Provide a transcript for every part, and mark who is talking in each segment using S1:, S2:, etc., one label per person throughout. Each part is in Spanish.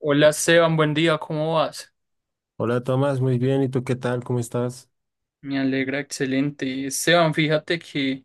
S1: Hola Esteban, buen día, ¿cómo vas?
S2: Hola Tomás, muy bien. ¿Y tú qué tal? ¿Cómo estás?
S1: Me alegra, excelente. Esteban, fíjate que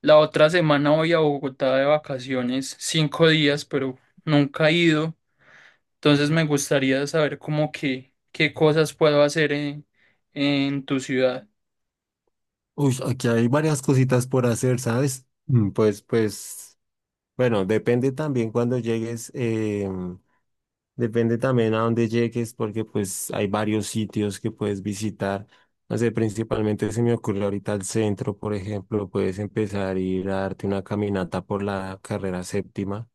S1: la otra semana voy a Bogotá de vacaciones, 5 días, pero nunca he ido. Entonces me gustaría saber qué cosas puedo hacer en tu ciudad.
S2: Uy, aquí hay varias cositas por hacer, ¿sabes? Pues, bueno, depende también cuando llegues, depende también a dónde llegues, porque pues hay varios sitios que puedes visitar. No sé, principalmente se me ocurre ahorita el centro, por ejemplo, puedes empezar a ir a darte una caminata por la carrera séptima.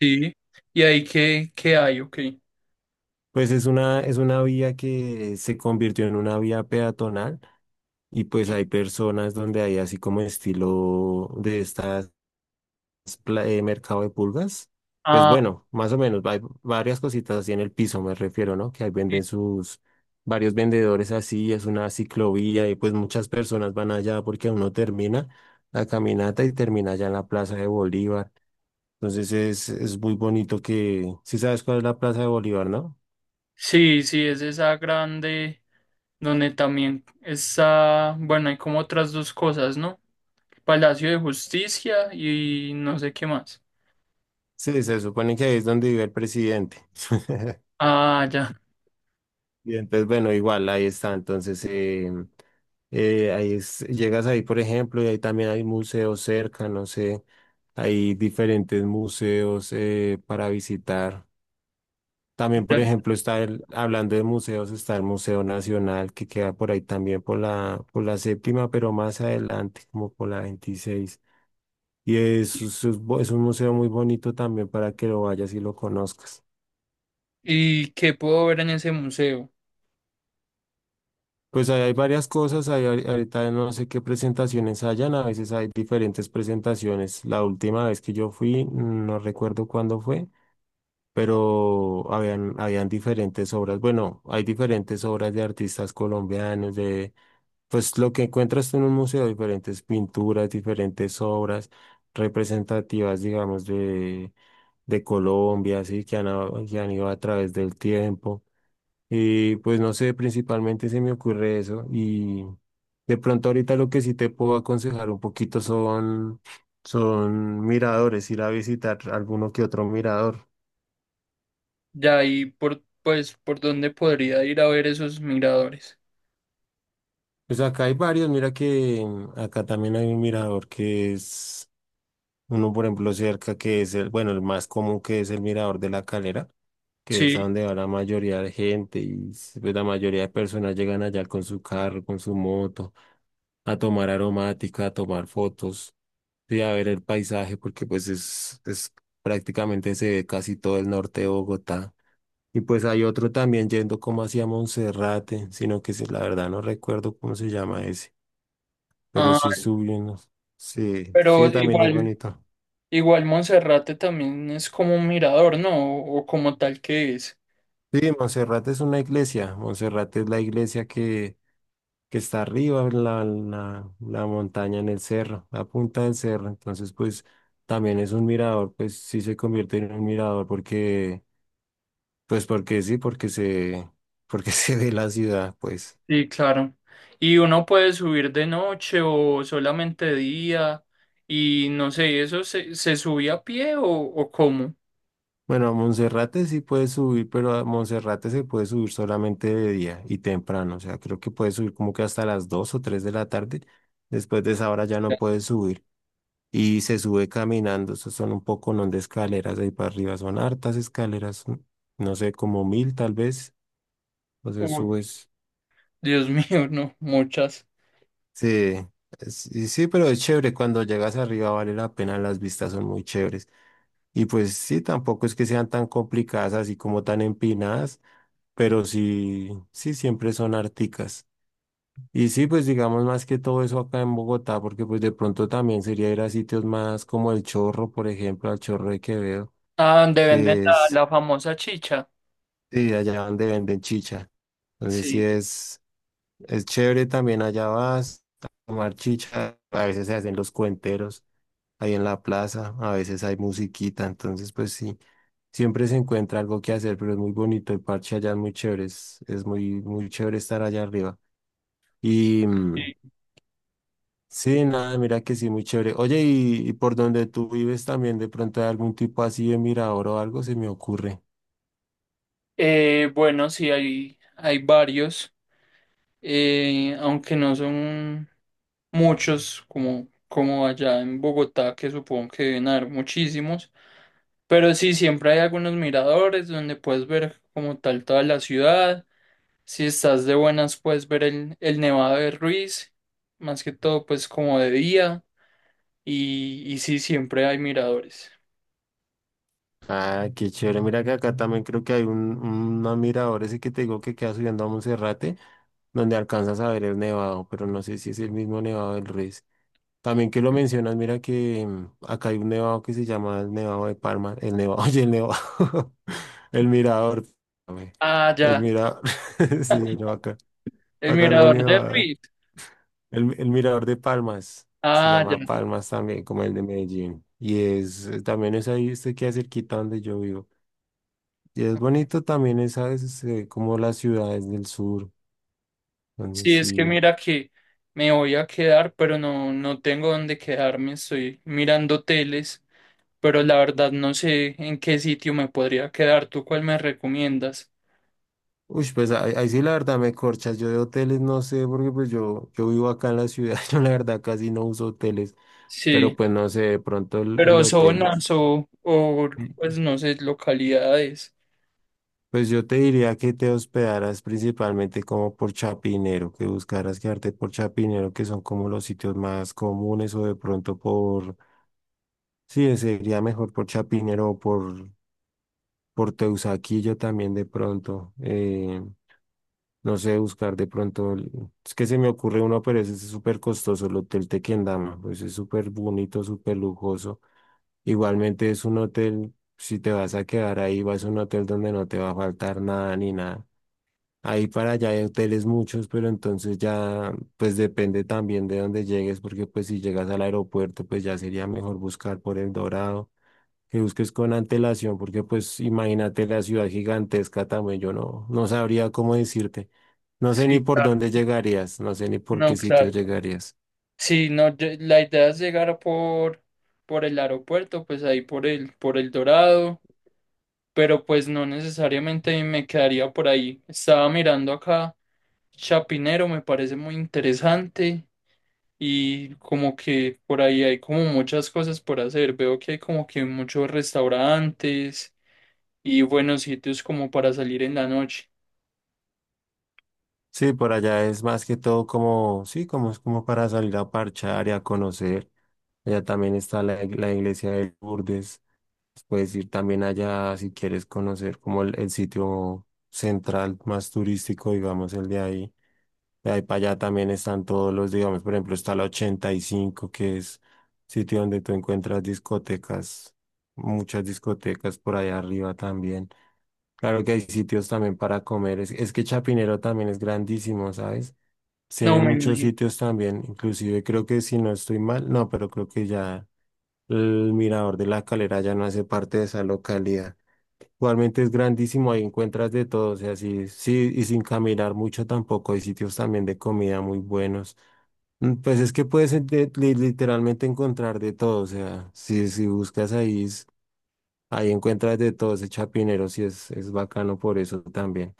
S1: Sí. ¿Y ahí qué hay? Ok.
S2: Pues es una vía que se convirtió en una vía peatonal. Y pues
S1: Sí.
S2: hay personas donde hay así como estilo de estas mercado de pulgas. Pues
S1: Ah,
S2: bueno, más o menos, hay varias cositas así en el piso, me refiero, ¿no? Que ahí
S1: sí,
S2: venden sus varios vendedores así, es una ciclovía y pues muchas personas van allá porque uno termina la caminata y termina allá en la Plaza de Bolívar. Entonces es muy bonito que, si sabes cuál es la Plaza de Bolívar, ¿no?
S1: sí, sí, es esa grande donde también está, bueno, hay como otras dos cosas, ¿no? Palacio de Justicia y no sé qué más.
S2: Sí, se supone que ahí es donde vive el presidente.
S1: Ah, ya,
S2: Y entonces, bueno, igual, ahí está. Entonces, llegas ahí, por ejemplo, y ahí también hay museos cerca, no sé, hay diferentes museos para visitar. También, por
S1: ya.
S2: ejemplo, está el, hablando de museos, está el Museo Nacional, que queda por ahí también por la, séptima, pero más adelante, como por la 26. Y es un museo muy bonito también para que lo vayas y lo conozcas.
S1: ¿Y qué puedo ver en ese museo?
S2: Pues ahí hay varias cosas, ahí ahorita no sé qué presentaciones hayan, a veces hay diferentes presentaciones. La última vez que yo fui, no recuerdo cuándo fue, pero habían diferentes obras. Bueno, hay diferentes obras de artistas colombianos, de pues lo que encuentras tú en un museo, diferentes pinturas, diferentes obras representativas, digamos, de Colombia, así que que han ido a través del tiempo. Y pues no sé, principalmente se me ocurre eso. Y de pronto ahorita lo que sí te puedo aconsejar un poquito son miradores, ir a visitar alguno que otro mirador.
S1: Ya, y pues, ¿por dónde podría ir a ver esos miradores?
S2: Pues acá hay varios, mira que acá también hay un mirador que es uno, por ejemplo, cerca que es el, bueno, el más común que es el mirador de la Calera, que es a
S1: Sí.
S2: donde va la mayoría de gente y pues, la mayoría de personas llegan allá con su carro, con su moto, a tomar aromática, a tomar fotos. Sí, a ver el paisaje, porque pues es prácticamente se ve casi todo el norte de Bogotá. Y pues hay otro también yendo como hacia Monserrate, sino que sí, la verdad no recuerdo cómo se llama ese, pero
S1: Ah,
S2: sí es subiendo. Sí,
S1: pero
S2: sí, también es
S1: igual,
S2: bonito.
S1: igual Monserrate también es como un mirador, ¿no? O como tal que es.
S2: Sí, Monserrate es una iglesia. Monserrate es la iglesia que está arriba, en la montaña en el cerro, la punta del cerro. Entonces, pues también es un mirador, pues sí se convierte en un mirador porque pues porque sí, porque se ve la ciudad, pues.
S1: Sí, claro. Y uno puede subir de noche o solamente de día. Y no sé, ¿eso se subía a pie o cómo?
S2: Bueno, a Monserrate sí puedes subir, pero a Monserrate se puede subir solamente de día y temprano. O sea, creo que puedes subir como que hasta las 2 o 3 de la tarde. Después de esa hora ya no puedes subir. Y se sube caminando. Eso son un poco, no de escaleras ahí para arriba. Son hartas escaleras. ¿No? No sé, como 1.000 tal vez. Entonces
S1: Uy,
S2: subes.
S1: Dios mío, no, muchas.
S2: Sí, sí, sí, pero es chévere. Cuando llegas arriba vale la pena. Las vistas son muy chéveres. Y pues sí, tampoco es que sean tan complicadas así como tan empinadas, pero sí, sí, siempre son articas. Y sí, pues digamos más que todo eso acá en Bogotá, porque pues de pronto también sería ir a sitios más como El Chorro, por ejemplo, al Chorro de Quevedo,
S1: Ah, donde venden
S2: que
S1: la,
S2: es,
S1: la famosa chicha.
S2: sí, allá donde venden chicha. Entonces sí
S1: Sí.
S2: es chévere también allá vas a tomar chicha, a veces se hacen los cuenteros ahí en la plaza, a veces hay musiquita, entonces pues sí. Siempre se encuentra algo que hacer, pero es muy bonito. El parche allá es muy chévere. Es muy, muy chévere estar allá arriba. Y sí, nada, mira que sí, muy chévere. Oye, y, por donde tú vives también, de pronto hay algún tipo así de mirador o algo, se me ocurre.
S1: Bueno, sí, hay varios, aunque no son muchos como allá en Bogotá, que supongo que deben haber muchísimos, pero sí, siempre hay algunos miradores donde puedes ver como tal toda la ciudad, si estás de buenas puedes ver el Nevado de Ruiz, más que todo pues como de día, y sí, siempre hay miradores.
S2: Ah, qué chévere. Mira que acá también creo que hay un mirador ese que te digo que queda subiendo a Monserrate, donde alcanzas a ver el nevado, pero no sé si es el mismo nevado del Ruiz. También que lo mencionas, mira que acá hay un nevado que se llama el Nevado de Parma, el Nevado, oye, el Nevado, el Mirador, perdóname,
S1: Ah,
S2: el
S1: ya,
S2: Mirador, sí, no, acá,
S1: el
S2: acá no hay
S1: mirador de
S2: nevado,
S1: Ruiz,
S2: el, Mirador de Palmas, se
S1: ah, ya.
S2: llama Palmas también, como el de Medellín, y es, también es ahí, este queda cerquita donde yo vivo, y es bonito también, es, ¿sabes? Es, como las ciudades del sur, donde
S1: Sí, es que
S2: sí.
S1: mira que me voy a quedar, pero no, no tengo dónde quedarme. Estoy mirando hoteles, pero la verdad no sé en qué sitio me podría quedar. ¿Tú cuál me recomiendas?
S2: Uy, pues ahí, ahí sí la verdad me corchas. Yo de hoteles no sé, porque pues yo, vivo acá en la ciudad, yo la verdad casi no uso hoteles, pero
S1: Sí,
S2: pues no sé, de pronto el
S1: pero
S2: hotel.
S1: zonas o,
S2: Mm.
S1: pues no sé, localidades.
S2: Pues yo te diría que te hospedaras principalmente como por Chapinero, que buscaras quedarte por Chapinero, que son como los sitios más comunes, o de pronto por, sí, sería mejor por Chapinero o por Teusaquillo también de pronto. No sé, buscar de pronto. Es que se me ocurre uno, pero ese es súper costoso, el Hotel Tequendama. Pues es súper bonito, súper lujoso. Igualmente es un hotel, si te vas a quedar ahí, vas a un hotel donde no te va a faltar nada ni nada. Ahí para allá hay hoteles muchos, pero entonces ya, pues depende también de dónde llegues, porque pues si llegas al aeropuerto, pues ya sería mejor buscar por El Dorado que busques con antelación, porque pues imagínate la ciudad gigantesca también, yo no, no sabría cómo decirte. No sé
S1: Sí,
S2: ni por
S1: claro.
S2: dónde llegarías, no sé ni por
S1: No,
S2: qué sitio
S1: claro.
S2: llegarías.
S1: Sí, no, la idea es llegar por, el aeropuerto, pues ahí por el, Dorado, pero pues no necesariamente me quedaría por ahí. Estaba mirando acá. Chapinero me parece muy interesante y como que por ahí hay como muchas cosas por hacer. Veo que hay como que muchos restaurantes y buenos sitios como para salir en la noche.
S2: Sí, por allá es más que todo como, sí, como es como para salir a parchar y a conocer. Allá también está la, la iglesia de Lourdes. Puedes ir también allá si quieres conocer como el sitio central más turístico, digamos, el de ahí. De ahí para allá también están todos los, digamos, por ejemplo, está la 85 que es sitio donde tú encuentras discotecas, muchas discotecas por allá arriba también. Claro que hay sitios también para comer. Es que Chapinero también es grandísimo, ¿sabes? Tiene
S1: No me
S2: muchos
S1: imagino.
S2: sitios también, inclusive creo que si no estoy mal, no, pero creo que ya el mirador de la calera ya no hace parte de esa localidad. Igualmente es grandísimo, ahí encuentras de todo, o sea, sí, sí, y sin caminar mucho tampoco, hay sitios también de comida muy buenos. Mm, pues es que puedes literalmente encontrar de todo, o sea, si, buscas ahí, ahí encuentras de todo, ese Chapinero sí es bacano por eso también.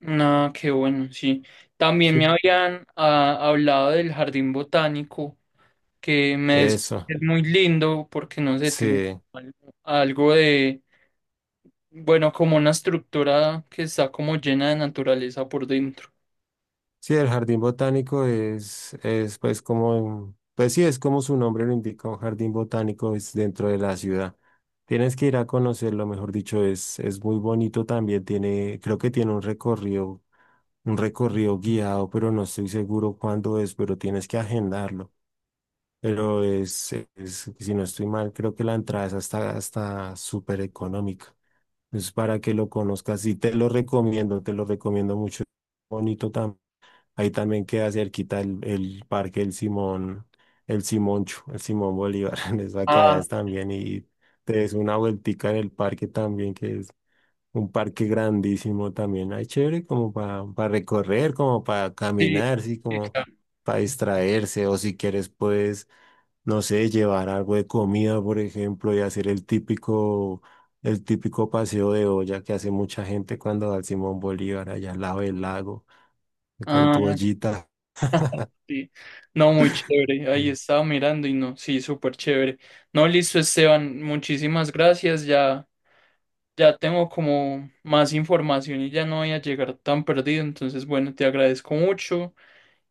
S1: No, qué bueno, sí. También
S2: Sí.
S1: me habían hablado del jardín botánico que me decían
S2: Eso,
S1: que es muy lindo porque no sé, tiene
S2: sí.
S1: al- algo de, bueno, como una estructura que está como llena de naturaleza por dentro.
S2: Sí, el jardín botánico es pues como, pues sí, es como su nombre lo indica, un jardín botánico es dentro de la ciudad. Tienes que ir a conocerlo, mejor dicho, es muy bonito también, tiene, creo que tiene un recorrido guiado, pero no estoy seguro cuándo es, pero tienes que agendarlo. Pero es, si no estoy mal, creo que la entrada es hasta, hasta súper económica. Es para que lo conozcas y te lo recomiendo mucho. Bonito también. Ahí también queda cerquita el, parque El Simón, el Simoncho, el Simón Bolívar, en esa que allá también y te des una vueltica en el parque también, que es un parque grandísimo también. Ahí chévere como para recorrer, como para
S1: Sí,
S2: caminar, sí,
S1: sí,
S2: como
S1: claro.
S2: para distraerse o si quieres puedes, no sé, llevar algo de comida, por ejemplo, y hacer el típico paseo de olla que hace mucha gente cuando va al Simón Bolívar, allá al lado del lago, con
S1: Ah,
S2: tu ollita.
S1: sí. No, muy chévere. Ahí
S2: Mm.
S1: estaba mirando y no, sí, súper chévere. No, listo, Esteban, muchísimas gracias. Ya, ya tengo como más información y ya no voy a llegar tan perdido. Entonces, bueno, te agradezco mucho.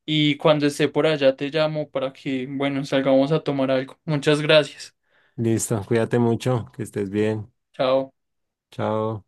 S1: Y cuando esté por allá te llamo para que, bueno, salgamos a tomar algo. Muchas gracias.
S2: Listo, cuídate mucho, que estés bien.
S1: Chao.
S2: Chao.